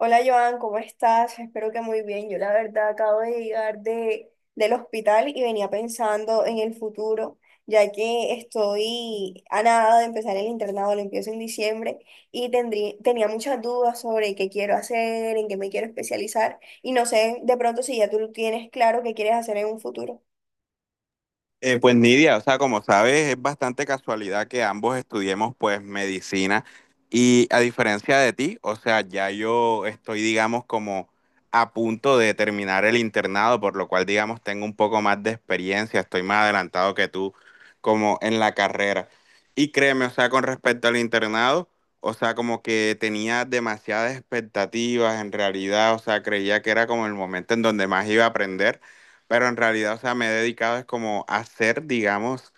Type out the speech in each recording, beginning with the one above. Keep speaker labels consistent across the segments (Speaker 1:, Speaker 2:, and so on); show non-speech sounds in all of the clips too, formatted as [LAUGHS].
Speaker 1: Hola Joan, ¿cómo estás? Espero que muy bien. Yo la verdad acabo de llegar del hospital y venía pensando en el futuro, ya que estoy a nada de empezar el internado, lo empiezo en diciembre y tenía muchas dudas sobre qué quiero hacer, en qué me quiero especializar y no sé de pronto si ya tú tienes claro qué quieres hacer en un futuro.
Speaker 2: Pues Nidia, o sea, como sabes, es bastante casualidad que ambos estudiemos pues medicina y a diferencia de ti, o sea, ya yo estoy, digamos, como a punto de terminar el internado, por lo cual, digamos, tengo un poco más de experiencia, estoy más adelantado que tú como en la carrera. Y créeme, o sea, con respecto al internado, o sea, como que tenía demasiadas expectativas en realidad, o sea, creía que era como el momento en donde más iba a aprender, pero en realidad, o sea, me he dedicado es como a ser, digamos,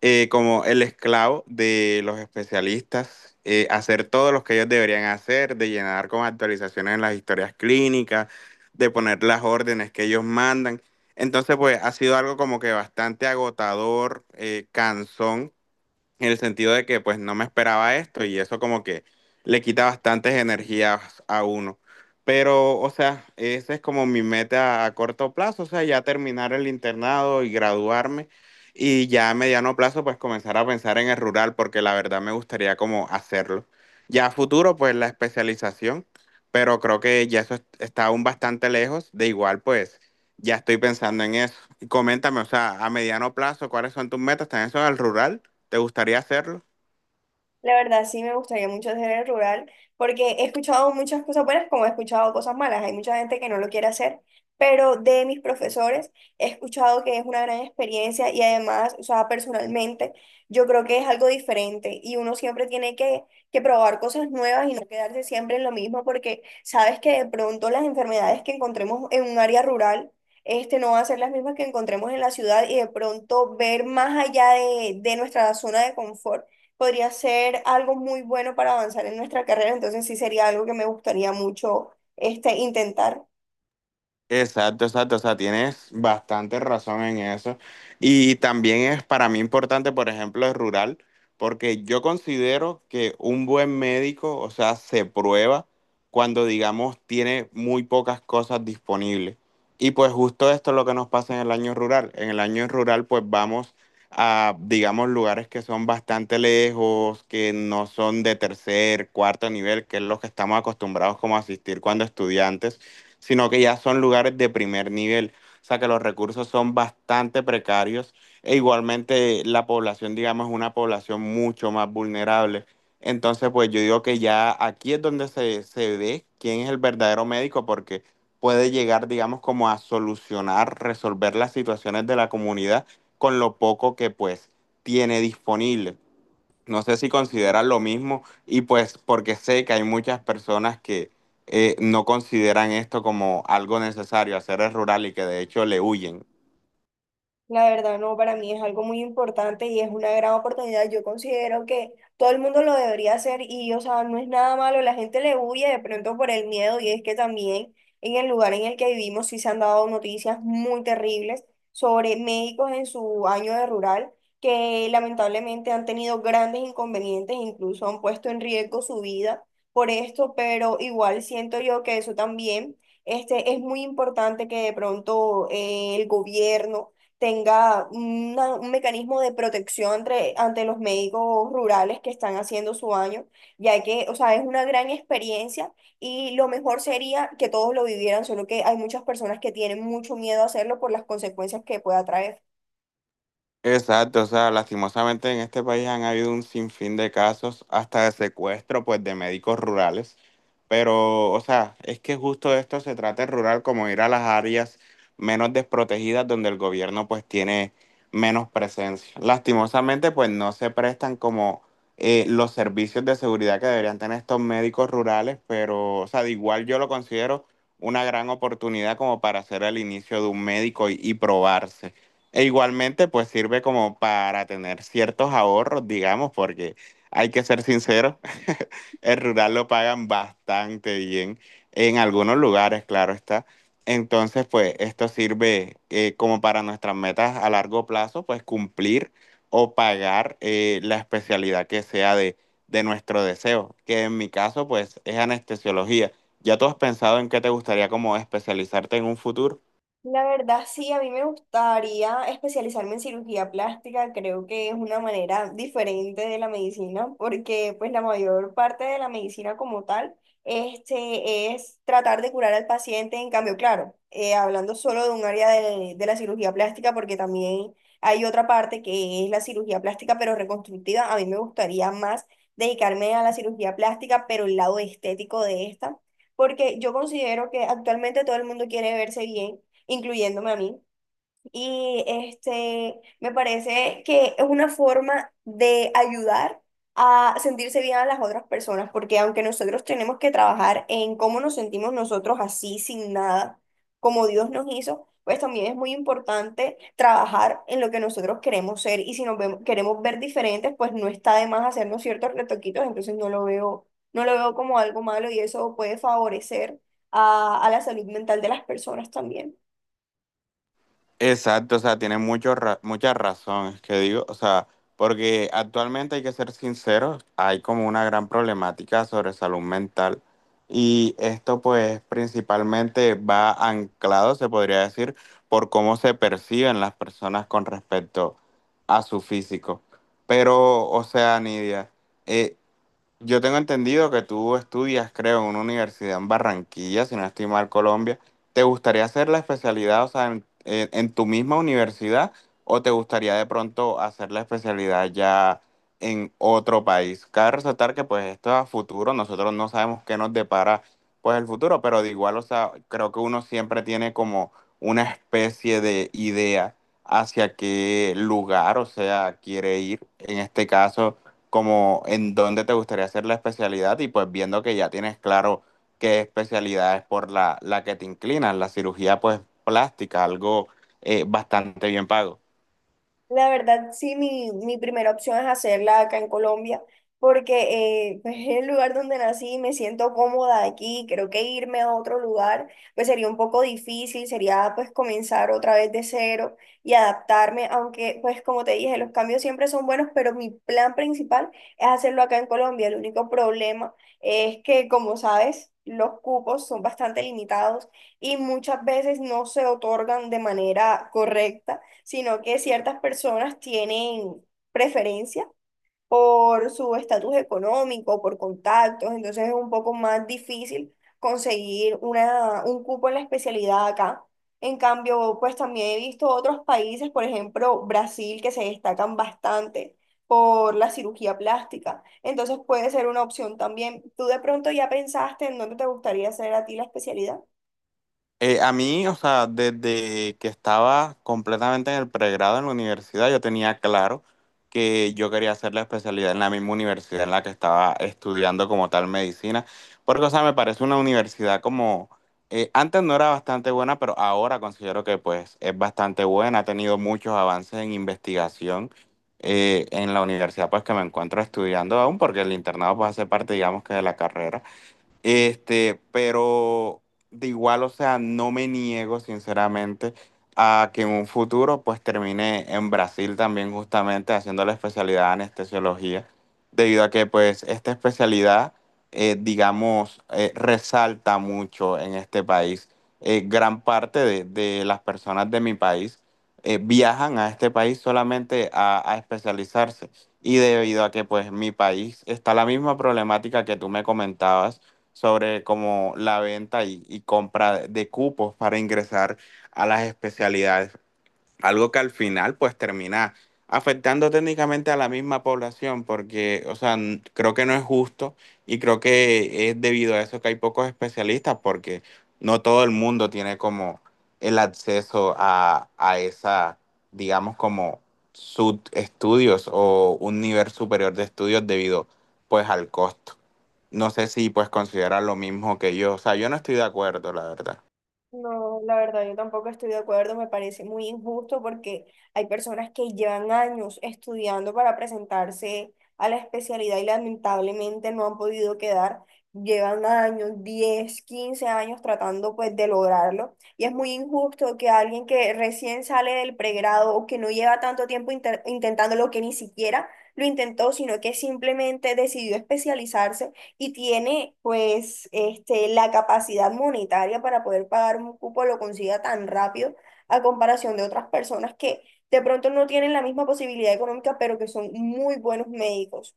Speaker 2: como el esclavo de los especialistas, hacer todo lo que ellos deberían hacer, de llenar con actualizaciones en las historias clínicas, de poner las órdenes que ellos mandan. Entonces, pues ha sido algo como que bastante agotador, cansón, en el sentido de que pues no me esperaba esto y eso como que le quita bastantes energías a uno. Pero, o sea, esa es como mi meta a corto plazo, o sea, ya terminar el internado y graduarme, y ya a mediano plazo pues comenzar a pensar en el rural porque la verdad me gustaría como hacerlo. Ya a futuro pues la especialización, pero creo que ya está aún bastante lejos, de igual pues ya estoy pensando en eso. Y coméntame, o sea, a mediano plazo, ¿cuáles son tus metas? ¿También son al rural? ¿Te gustaría hacerlo?
Speaker 1: La verdad, sí me gustaría mucho hacer el rural, porque he escuchado muchas cosas buenas como he escuchado cosas malas. Hay mucha gente que no lo quiere hacer, pero de mis profesores he escuchado que es una gran experiencia y además, o sea, personalmente, yo creo que es algo diferente y uno siempre que probar cosas nuevas y no quedarse siempre en lo mismo, porque sabes que de pronto las enfermedades que encontremos en un área rural, este, no van a ser las mismas que encontremos en la ciudad y de pronto ver más allá de nuestra zona de confort podría ser algo muy bueno para avanzar en nuestra carrera, entonces sí sería algo que me gustaría mucho este, intentar.
Speaker 2: Exacto, exacto, o sea, tienes bastante razón en eso. Y también es para mí importante, por ejemplo, el rural, porque yo considero que un buen médico, o sea, se prueba cuando, digamos, tiene muy pocas cosas disponibles. Y pues justo esto es lo que nos pasa en el año rural. En el año rural, pues vamos a, digamos, lugares que son bastante lejos, que no son de tercer, cuarto nivel, que es lo que estamos acostumbrados como a asistir cuando estudiantes, sino que ya son lugares de primer nivel. O sea que los recursos son bastante precarios e igualmente la población, digamos, es una población mucho más vulnerable. Entonces, pues yo digo que ya aquí es donde se ve quién es el verdadero médico porque puede llegar, digamos, como a solucionar, resolver las situaciones de la comunidad con lo poco que pues tiene disponible. No sé si consideran lo mismo y pues porque sé que hay muchas personas que no consideran esto como algo necesario, hacer el rural y que de hecho le huyen.
Speaker 1: La verdad, no, para mí es algo muy importante y es una gran oportunidad. Yo considero que todo el mundo lo debería hacer y, o sea, no es nada malo. La gente le huye de pronto por el miedo y es que también en el lugar en el que vivimos sí se han dado noticias muy terribles sobre médicos en su año de rural que lamentablemente han tenido grandes inconvenientes, incluso han puesto en riesgo su vida por esto, pero igual siento yo que eso también, este, es muy importante que de pronto el gobierno tenga un mecanismo de protección ante los médicos rurales que están haciendo su año, ya que, o sea, es una gran experiencia y lo mejor sería que todos lo vivieran, solo que hay muchas personas que tienen mucho miedo a hacerlo por las consecuencias que pueda traer.
Speaker 2: Exacto, o sea, lastimosamente en este país han habido un sinfín de casos, hasta de secuestro, pues, de médicos rurales. Pero, o sea, es que justo de esto se trata el rural, como ir a las áreas menos desprotegidas donde el gobierno, pues, tiene menos presencia. Lastimosamente, pues, no se prestan como los servicios de seguridad que deberían tener estos médicos rurales, pero, o sea, de igual yo lo considero una gran oportunidad como para hacer el inicio de un médico y probarse. E igualmente, pues sirve como para tener ciertos ahorros, digamos, porque hay que ser sinceros, [LAUGHS] el rural lo pagan bastante bien en algunos lugares, claro está. Entonces, pues esto sirve como para nuestras metas a largo plazo, pues cumplir o pagar la especialidad que sea de nuestro deseo, que en mi caso, pues es anestesiología. ¿Ya tú has pensado en qué te gustaría como especializarte en un futuro?
Speaker 1: La verdad, sí, a mí me gustaría especializarme en cirugía plástica, creo que es una manera diferente de la medicina, porque pues la mayor parte de la medicina como tal, este, es tratar de curar al paciente, en cambio, claro, hablando solo de un área de la cirugía plástica, porque también hay otra parte que es la cirugía plástica, pero reconstructiva, a mí me gustaría más dedicarme a la cirugía plástica, pero el lado estético de esta, porque yo considero que actualmente todo el mundo quiere verse bien incluyéndome a mí. Y este, me parece que es una forma de ayudar a sentirse bien a las otras personas, porque aunque nosotros tenemos que trabajar en cómo nos sentimos nosotros así, sin nada, como Dios nos hizo, pues también es muy importante trabajar en lo que nosotros queremos ser. Y si queremos ver diferentes, pues no está de más hacernos ciertos retoquitos, entonces no lo veo como algo malo y eso puede favorecer a la salud mental de las personas también.
Speaker 2: Exacto, o sea, tiene mucha razón, es que digo, o sea, porque actualmente hay que ser sinceros, hay como una gran problemática sobre salud mental, y esto pues principalmente va anclado, se podría decir, por cómo se perciben las personas con respecto a su físico. Pero, o sea, Nidia, eh, yo tengo entendido que tú estudias, creo, en una universidad en Barranquilla, si no estoy mal, Colombia. ¿Te gustaría hacer la especialidad, o sea, en tu misma universidad, o te gustaría de pronto hacer la especialidad ya en otro país? Cabe resaltar que pues esto es a futuro, nosotros no sabemos qué nos depara pues el futuro, pero de igual, o sea, creo que uno siempre tiene como una especie de idea hacia qué lugar, o sea, quiere ir. En este caso, como en dónde te gustaría hacer la especialidad y pues viendo que ya tienes claro qué especialidad es por la que te inclinas, la cirugía pues plástica, algo bastante bien pago.
Speaker 1: La verdad, sí, mi primera opción es hacerla acá en Colombia, porque [LAUGHS] pues, es el lugar donde nací, me siento cómoda aquí, creo que irme a otro lugar pues sería un poco difícil, sería pues comenzar otra vez de cero y adaptarme, aunque pues como te dije, los cambios siempre son buenos, pero mi plan principal es hacerlo acá en Colombia. El único problema es que, como sabes, los cupos son bastante limitados y muchas veces no se otorgan de manera correcta sino que ciertas personas tienen preferencia por su estatus económico, por contactos, entonces es un poco más difícil conseguir un cupo en la especialidad acá. En cambio, pues también he visto otros países, por ejemplo, Brasil, que se destacan bastante por la cirugía plástica. Entonces puede ser una opción también. ¿Tú de pronto ya pensaste en dónde te gustaría hacer a ti la especialidad?
Speaker 2: A mí, o sea, desde que estaba completamente en el pregrado en la universidad, yo tenía claro que yo quería hacer la especialidad en la misma universidad en la que estaba estudiando como tal medicina, porque, o sea, me parece una universidad como, antes no era bastante buena, pero ahora considero que pues es bastante buena, ha tenido muchos avances en investigación en la universidad pues que me encuentro estudiando aún, porque el internado pues hace parte, digamos que de la carrera. Este, pero de igual, o sea, no me niego sinceramente a que en un futuro pues termine en Brasil también justamente haciendo la especialidad de anestesiología, debido a que pues esta especialidad, digamos, resalta mucho en este país. Gran parte de las personas de mi país viajan a este país solamente a especializarse y debido a que pues mi país está la misma problemática que tú me comentabas sobre como la venta y compra de cupos para ingresar a las especialidades, algo que al final pues termina afectando técnicamente a la misma población porque, o sea, creo que no es justo y creo que es debido a eso que hay pocos especialistas porque no todo el mundo tiene como el acceso a esa, digamos, como subestudios o un nivel superior de estudios debido pues al costo. No sé si pues consideran lo mismo que yo, o sea, yo no estoy de acuerdo, la verdad.
Speaker 1: No, la verdad, yo tampoco estoy de acuerdo, me parece muy injusto porque hay personas que llevan años estudiando para presentarse a la especialidad y lamentablemente no han podido quedar, llevan años, 10 15 años tratando pues de lograrlo y es muy injusto que alguien que recién sale del pregrado o que no lleva tanto tiempo intentándolo, que ni siquiera lo intentó, sino que simplemente decidió especializarse y tiene pues este, la capacidad monetaria para poder pagar un cupo, lo consiga tan rápido a comparación de otras personas que de pronto no tienen la misma posibilidad económica, pero que son muy buenos médicos.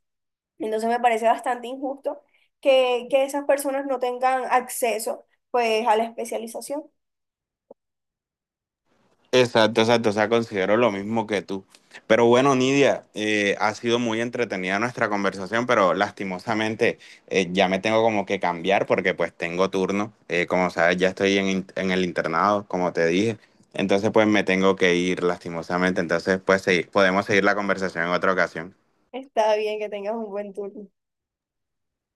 Speaker 1: Entonces me parece bastante injusto que esas personas no tengan acceso pues a la especialización.
Speaker 2: Exacto, exacto, o sea, considero lo mismo que tú. Pero bueno, Nidia, ha sido muy entretenida nuestra conversación, pero lastimosamente ya me tengo como que cambiar porque pues tengo turno. Como sabes, ya estoy en, en el internado, como te dije. Entonces pues me tengo que ir lastimosamente. Entonces pues podemos seguir la conversación en otra ocasión.
Speaker 1: Está bien que tengas un buen turno.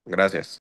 Speaker 2: Gracias.